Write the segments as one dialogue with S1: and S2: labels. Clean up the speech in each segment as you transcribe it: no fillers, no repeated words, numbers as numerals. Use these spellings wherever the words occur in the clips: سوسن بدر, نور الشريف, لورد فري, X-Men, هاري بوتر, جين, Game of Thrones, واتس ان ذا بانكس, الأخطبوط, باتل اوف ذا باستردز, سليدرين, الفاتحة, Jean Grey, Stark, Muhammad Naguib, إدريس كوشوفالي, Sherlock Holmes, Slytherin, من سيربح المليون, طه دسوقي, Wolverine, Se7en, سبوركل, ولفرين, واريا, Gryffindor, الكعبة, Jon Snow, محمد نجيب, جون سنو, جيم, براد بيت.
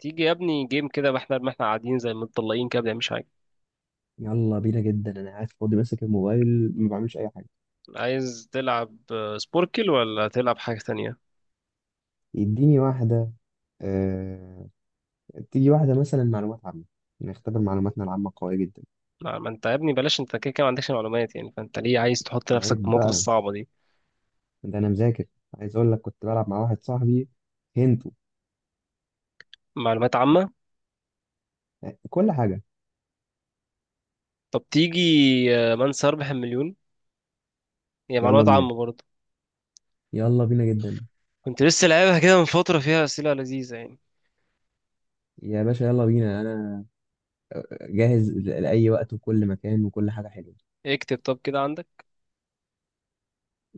S1: تيجي يا ابني جيم كده. ما احنا قاعدين زي متطلقين كده، ما بنعملش حاجه.
S2: يلا بينا جدا. انا قاعد فاضي ماسك الموبايل ما بعملش اي حاجه.
S1: عايز تلعب سبوركل، ولا تلعب حاجه تانية؟
S2: يديني واحده. آه... تيجي واحده مثلا معلومات عامه. نختبر معلوماتنا العامه قويه جدا.
S1: لا، ما انت يا ابني بلاش، انت كده كده ما عندكش معلومات يعني، فانت ليه عايز تحط نفسك في
S2: عيب
S1: المواقف
S2: بقى،
S1: الصعبه دي؟
S2: ده انا مذاكر. عايز اقول لك كنت بلعب مع واحد صاحبي هنتو.
S1: معلومات عامه؟
S2: آه، كل حاجه.
S1: طب تيجي من سيربح المليون؟ هي
S2: يلا
S1: معلومات
S2: بينا،
S1: عامه برضه.
S2: يلا بينا جدا.
S1: كنت لسه لعبها كده من فتره، فيها اسئله لذيذه يعني.
S2: يا باشا يلا بينا، انا جاهز لاي وقت وكل مكان وكل حاجه حلوه.
S1: اكتب، طب كده عندك،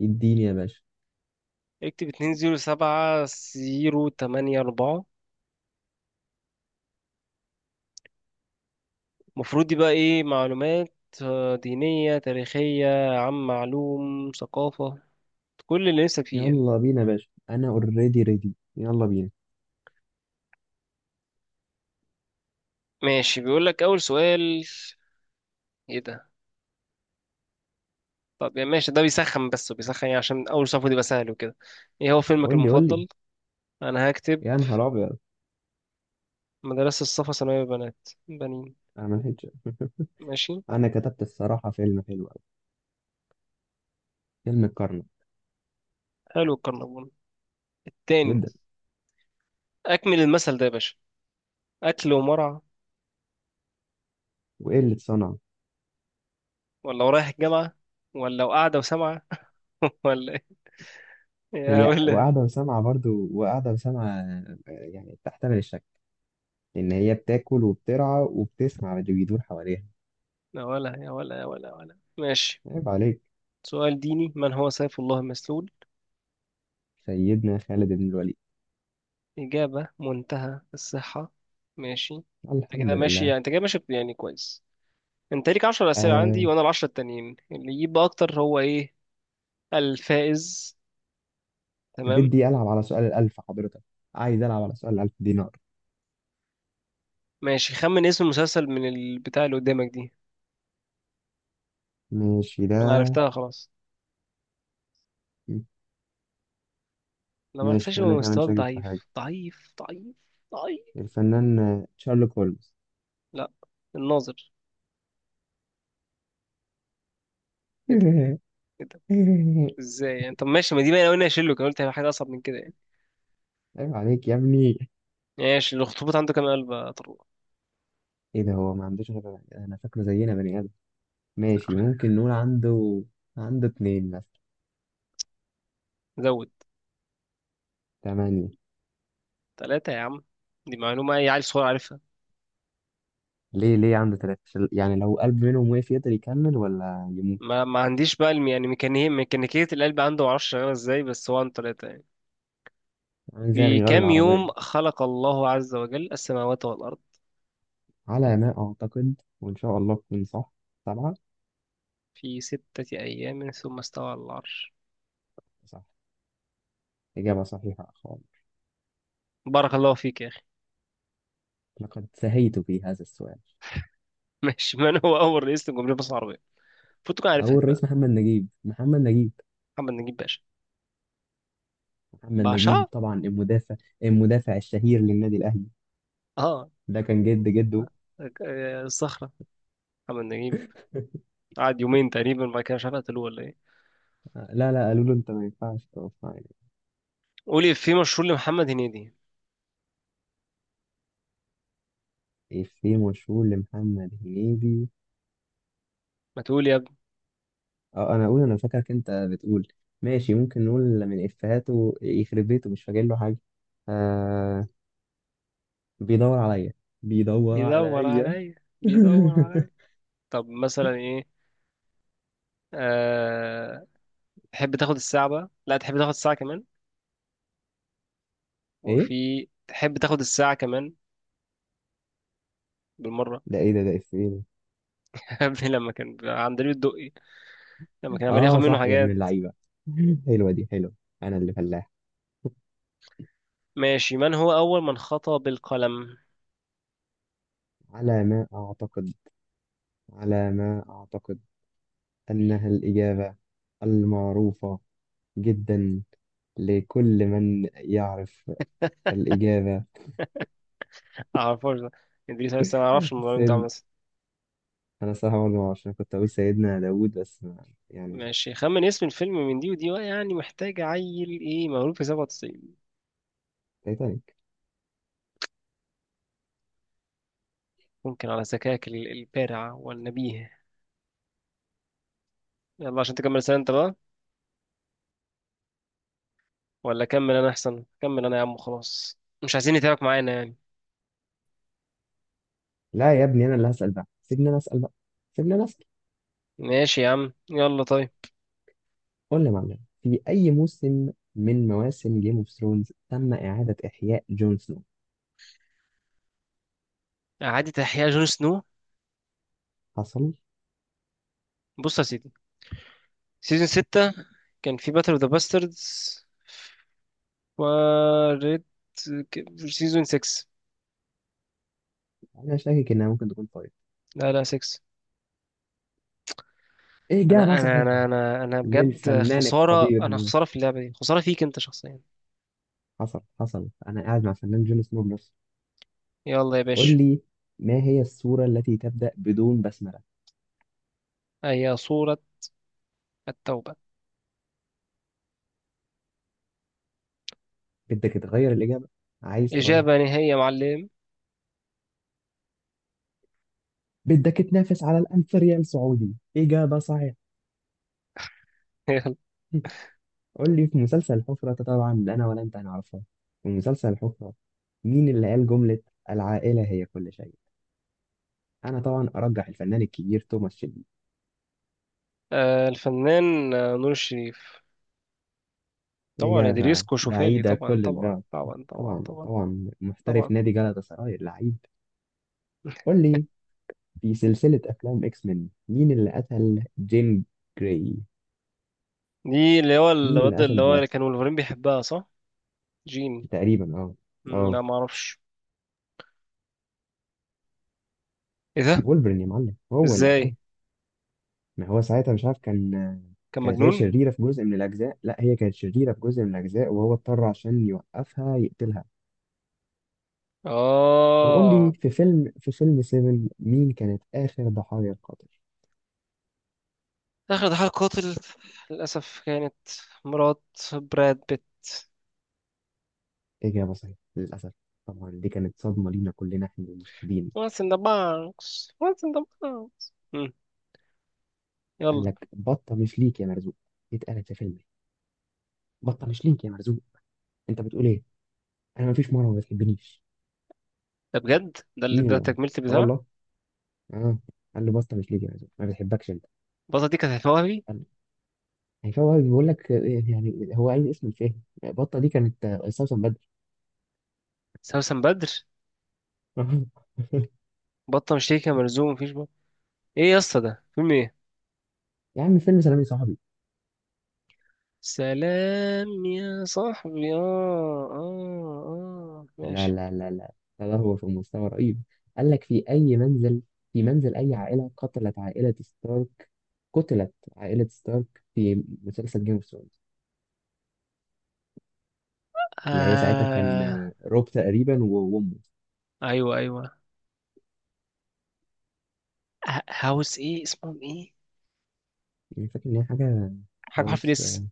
S2: اديني يا باشا.
S1: اكتب 207084. المفروض دي بقى ايه معلومات؟ دينية، تاريخية عن معلوم، ثقافة، كل اللي نفسك فيه يعني.
S2: يلا بينا يا باشا، انا اوريدي ريدي، يلا بينا.
S1: ماشي، بيقول لك اول سؤال. ايه ده؟ طب يعني ماشي، ده بيسخن، بس بيسخن يعني، عشان اول صفحه دي سهل وكده. ايه هو فيلمك
S2: قول لي.
S1: المفضل؟ انا هكتب
S2: يا نهار ابيض،
S1: مدرسه الصفا ثانويه بنات بنين.
S2: انا ما لحقتش.
S1: ماشي.
S2: انا كتبت الصراحه فيلم حلو قوي، فيلم الكرنك
S1: حلو الكرنبون. التاني،
S2: جدا.
S1: اكمل المثل ده يا باشا: اكل ومرعى.
S2: وايه اللي اتصنع؟
S1: ولا ورايح الجامعه، ولا وقاعده وسامعه، ولا إيه؟ يا
S2: هي
S1: ولا
S2: وقاعده وسامعه برضو وقاعده وسامعه، يعني بتحتمل الشك ان هي بتاكل وبترعى وبتسمع اللي بيدور حواليها.
S1: يا ولا يا ولا يا ولا يا ولا. ماشي،
S2: عيب عليك.
S1: سؤال ديني: من هو سيف الله المسلول؟
S2: سيدنا خالد بن الوليد.
S1: إجابة منتهى الصحة. ماشي، أنت
S2: الحمد
S1: كده ماشي
S2: لله.
S1: يعني، أنت كده ماشي يعني كويس. أنت ليك 10 أسئلة عندي،
S2: آه.
S1: وأنا ال10 التانيين، اللي يجيب أكتر هو إيه، الفائز. تمام.
S2: بدي العب على سؤال الالف حضرتك، عايز العب على سؤال الالف دينار.
S1: ماشي، خمن اسم المسلسل من البتاع اللي قدامك دي.
S2: ماشي ده.
S1: أنا عرفتها خلاص، لو ما عرفتهاش
S2: ماشي،
S1: يبقى
S2: انا كمان
S1: مستواك
S2: شاكك في حاجه.
S1: ضعيف ضعيف ضعيف. ضعيف.
S2: الفنان شارلوك هولمز.
S1: لا، الناظر. إيه ده؟ إيه ده؟ إزاي يعني؟ طب ماشي، ما دي بقى أنا قلنا أشيله، كان قلت هيبقى حاجة أصعب من كده يعني.
S2: عيب عليك يا ابني.
S1: ماشي، الأخطبوط عنده كام قلب يا طروق؟
S2: ايه ده، هو ما عندوش غير؟ انا فاكره زينا بني ادم. ماشي،
S1: فاكره.
S2: ممكن نقول عنده، عنده اتنين مثلا.
S1: زود.
S2: تمانية.
S1: ثلاثة يا عم، دي معلومة أي عيل صغير عارفها.
S2: ليه؟ ليه عنده تلاتة؟ يعني لو قلب منهم وقف يقدر يكمل ولا يموت.
S1: ما عنديش بقى يعني ميكانيكية القلب عنده معرفش شغالة ازاي، بس هو عنده 3 يعني.
S2: عامل زي
S1: في
S2: غيار
S1: كام
S2: العربية.
S1: يوم خلق الله عز وجل السماوات والأرض؟
S2: على ما أعتقد وإن شاء الله تكون صح، سبعة.
S1: في 6 أيام ثم استوى على العرش.
S2: صح. إجابة صحيحة خالص.
S1: بارك الله فيك يا أخي.
S2: لقد سهيت في هذا السؤال.
S1: ماشي، من هو أول رئيس لجمهورية مصر العربية؟ المفروض تكون عارفها
S2: أول
S1: دي بقى.
S2: الرئيس محمد نجيب، محمد نجيب
S1: محمد نجيب باشا.
S2: محمد
S1: باشا.
S2: نجيب طبعا المدافع، المدافع الشهير للنادي الأهلي.
S1: اه.
S2: ده كان جد جده.
S1: الصخرة. محمد نجيب قعد 2 يوم تقريبا، بعد كده مش عارف قتلوه ولا ايه.
S2: آه، لا لا، قالوا له أنت ما ينفعش تقف.
S1: قولي في مشهور لمحمد هنيدي.
S2: إفيه مشهور لمحمد هنيدي؟
S1: ما تقول يا ابني.
S2: اه انا اقول انا فاكرك انت بتقول. ماشي، ممكن نقول من افهاته، يخرب بيته مش فاكر له حاجه. آه. بيدور عليا بيدور
S1: بيدور
S2: عليا
S1: عليا. بيدور عليا. طب مثلا ايه؟ أه... تحب تاخد الساعة بقى؟ لا، تحب تاخد الساعة كمان،
S2: ايه
S1: وفي تحب تاخد الساعة كمان بالمرة.
S2: ايه ده، افيه ده؟
S1: قبل لما كان عند لي الدقي، لما كان عمال ياخد
S2: اه
S1: منه
S2: صح يا ابن
S1: حاجات.
S2: اللعيبه. حلوه دي حلوه. انا اللي فلاح.
S1: ماشي، من هو أول من خطأ بالقلم؟
S2: على ما اعتقد على ما اعتقد انها الاجابه المعروفه جدا لكل من يعرف الاجابه.
S1: معرفوش ده؟ ادريس لسه ما اعرفش الموضوع اللي انت عامله.
S2: انا صراحه برضه عشان كنت اقول سيدنا داوود بس ما- يعني.
S1: ماشي، خمن اسم الفيلم من دي ودي بقى، يعني محتاج عيل ايه مولود في 97.
S2: تايتانيك.
S1: ممكن، على ذكائك البارع والنبيه. يلا عشان تكمل سنة انت بقى، ولا كمل انا احسن. كمل انا يا عم، خلاص مش عايزين نتابعك معانا يعني.
S2: لا يا ابني، انا اللي هسال بقى، سيبني انا اسال بقى، سيبني انا اسال.
S1: ماشي يا عم، يلا طيب.
S2: قول لي يا معلم، في اي موسم من مواسم جيم اوف ثرونز تم اعاده احياء جون سنو؟
S1: إعادة إحياء جون سنو.
S2: حصل.
S1: بص يا سيدي، سيزون ستة، كان في باتل اوف ذا باستردز و ريد. سيزون 6.
S2: انا شاكك انها ممكن تكون طارق.
S1: لا لا، 6.
S2: اجابه
S1: أنا أنا
S2: صحيحه
S1: أنا أنا أنا بجد
S2: للفنان
S1: خسارة، أنا
S2: القدير.
S1: خسارة في اللعبة دي، خسارة فيك أنت شخصيا.
S2: حصل، انا قاعد مع فنان جون سنو بنفسه.
S1: يلا يا باشا.
S2: قول لي، ما هي السوره التي تبدا بدون بسمله؟
S1: هي صورة التوبة.
S2: بدك تغير الاجابه؟ عايز تغير؟
S1: إجابة نهائية يا معلم.
S2: بدك تنافس على الألف ريال سعودي. إجابة صحيحة.
S1: يلا.
S2: قول لي، في مسلسل الحفرة ده طبعا لا أنا ولا أنت هنعرفها. في مسلسل الحفرة، مين اللي قال جملة العائلة هي كل شيء؟ أنا طبعا أرجح الفنان الكبير توماس شيلبي.
S1: الفنان نور الشريف. طبعا إدريس
S2: إجابة
S1: كوشوفالي،
S2: بعيدة
S1: طبعا
S2: كل
S1: طبعا
S2: البعد.
S1: طبعا طبعا
S2: طبعا
S1: طبعا.
S2: طبعا، محترف
S1: طبعا.
S2: نادي جلطة سراي اللعيب. قول لي، في سلسلة أفلام إكس مين، مين اللي قتل جيم جراي؟
S1: دي اللي هو
S2: مين اللي
S1: الواد اللي
S2: قتل
S1: هو
S2: جيم؟
S1: اللي كان ولفرين بيحبها صح. جين.
S2: تقريبا أه. أه.
S1: لا ما اعرفش. ايه ده؟
S2: وولفرين يا معلم، هو اللي قتله.
S1: ازاي؟
S2: ما هو ساعتها مش عارف، كان
S1: كان
S2: كانت هي
S1: مجنون.
S2: شريرة في جزء من الأجزاء، لا هي كانت شريرة في جزء من الأجزاء وهو اضطر عشان يوقفها يقتلها. طب قول لي،
S1: اه.
S2: في فيلم 7، مين كانت آخر ضحايا القاتل؟
S1: اخر ضحايا القاتل للاسف كانت مرات براد بيت.
S2: إجابة صحيحة للأسف. طبعا دي كانت صدمة لينا كلنا إحنا المشاهدين.
S1: واتس ان ذا بانكس، واتس ان ذا بانكس.
S2: قال
S1: يلا.
S2: لك بطة مش ليك يا مرزوق، دي اتقالت في فيلم. بطة مش ليك يا مرزوق، أنت بتقول إيه؟ أنا مفيش مرة ما بتحبنيش.
S1: ده بجد ده اللي
S2: مين
S1: ده
S2: اللي قال؟
S1: تكملة
S2: آه
S1: البتاع.
S2: والله. آه. قال له بطة مش ليك يا مرزوق ما بتحبكش أنت.
S1: البطة دي كانت هتوهبي.
S2: يعني فهو بيقول لك، يعني هو عايز اسم الفيلم. بطة دي كانت استوسن بدر.
S1: سوسن بدر. بطة مشتركة ملزوم مفيش بقى. ايه يا اسطى ده فيلم ايه؟
S2: يا عم، فيلم سلام يا صاحبي.
S1: سلام يا صاحبي، اه اه اه،
S2: لا
S1: ماشي.
S2: لا لا لا، لا لا، هو في مستوى رهيب. قال لك في أي منزل، في منزل أي عائلة قتلت عائلة ستارك؟ قتلت عائلة ستارك في مسلسل جيم اوف ثرونز. اللي هي ساعتها كان
S1: آه.
S2: آه، روب تقريبا وأمه.
S1: ايوه ايوه. هاوس ايه اسمهم ايه؟
S2: يعني فاكر إن هي حاجة
S1: حاجه بحرف
S2: هاوس آه،
S1: الاس.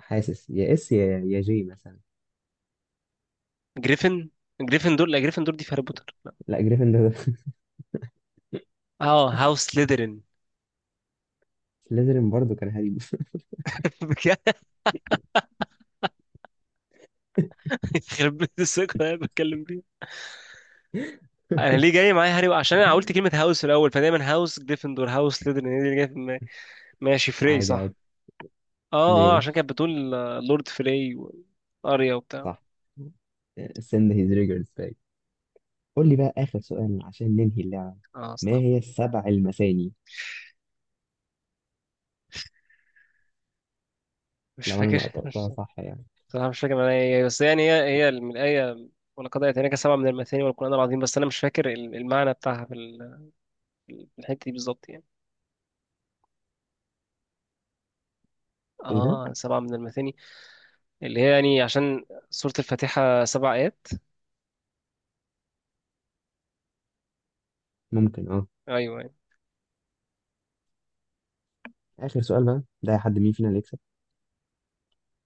S2: حاسس يا اس يا جي مثلا.
S1: جريفن. جريفن دول؟ لا جريفن دول دي في هاري بوتر لا.
S2: لا جريفن ده.
S1: اه، هاوس سليدرين.
S2: سليزرين برضه كان هريب.
S1: بجد؟ يخرب بيت الثقه اللي انا بتكلم فيها. انا ليه جاي معايا هاري؟ عشان انا قلت كلمه هاوس الاول، فدايما هاوس جريفن دور، هاوس سليدرين، هي دي اللي جايه في دماغي. ماشي فري
S2: عادي
S1: صح.
S2: عادي.
S1: اه. اه عشان
S2: ماشي.
S1: كانت بتقول لورد فري واريا وبتاع.
S2: صح. send his regards back. قول لي بقى آخر سؤال عشان ننهي اللعبة.
S1: اه
S2: ما
S1: استغفر.
S2: هي السبع المثاني؟
S1: مش
S2: لو أنا
S1: فاكر.
S2: نطقتها صح يعني.
S1: صراحة مش فاكر انا، هي بس يعني هي من الآية: ولقد آتيناك 7 من المثاني والقرآن العظيم. بس أنا مش فاكر المعنى بتاعها في في الحتة دي بالظبط يعني.
S2: إيه ده؟
S1: اه، سبعة من المثاني اللي هي يعني، عشان سورة الفاتحة 7 آيات.
S2: ممكن. أه.
S1: أيوه يعني.
S2: آخر سؤال بقى ده، حد مين فينا اللي يكسب.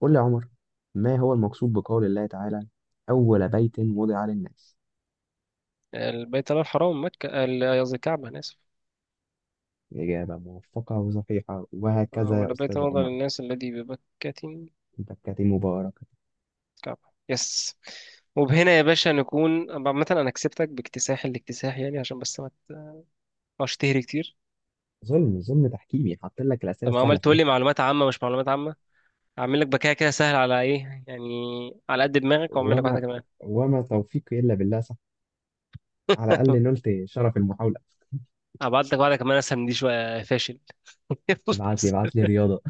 S2: قول لي يا عمر، ما هو المقصود بقول الله تعالى أول بيت وضع للناس؟
S1: البيت الله الحرام، مكة، قصدي الكعبة، أنا آسف.
S2: إجابة موفقة وصحيحة، وهكذا يا
S1: ولا بيت
S2: أستاذ
S1: وضع
S2: عمر.
S1: للناس الذي ببكة.
S2: بكة مباركة.
S1: كعبة. يس. وبهنا يا باشا نكون عامة، أنا كسبتك باكتساح الاكتساح يعني، عشان بس ما تبقاش تهري كتير.
S2: ظلم، ظلم تحكيمي، حاطط لك الأسئلة
S1: طب ما عمال
S2: السهلة في
S1: تقول لي
S2: الآخر.
S1: معلومات عامة، مش معلومات عامة؟ هعمل لك بكايه كده سهل على ايه يعني، على قد دماغك، واعمل لك واحده
S2: وما
S1: كمان.
S2: وما توفيقي إلا بالله، صح؟ على الأقل نلت شرف المحاولة.
S1: هبعت لك واحده كمان اسهل من دي شويه، فاشل. بص.
S2: ابعت لي رياضة.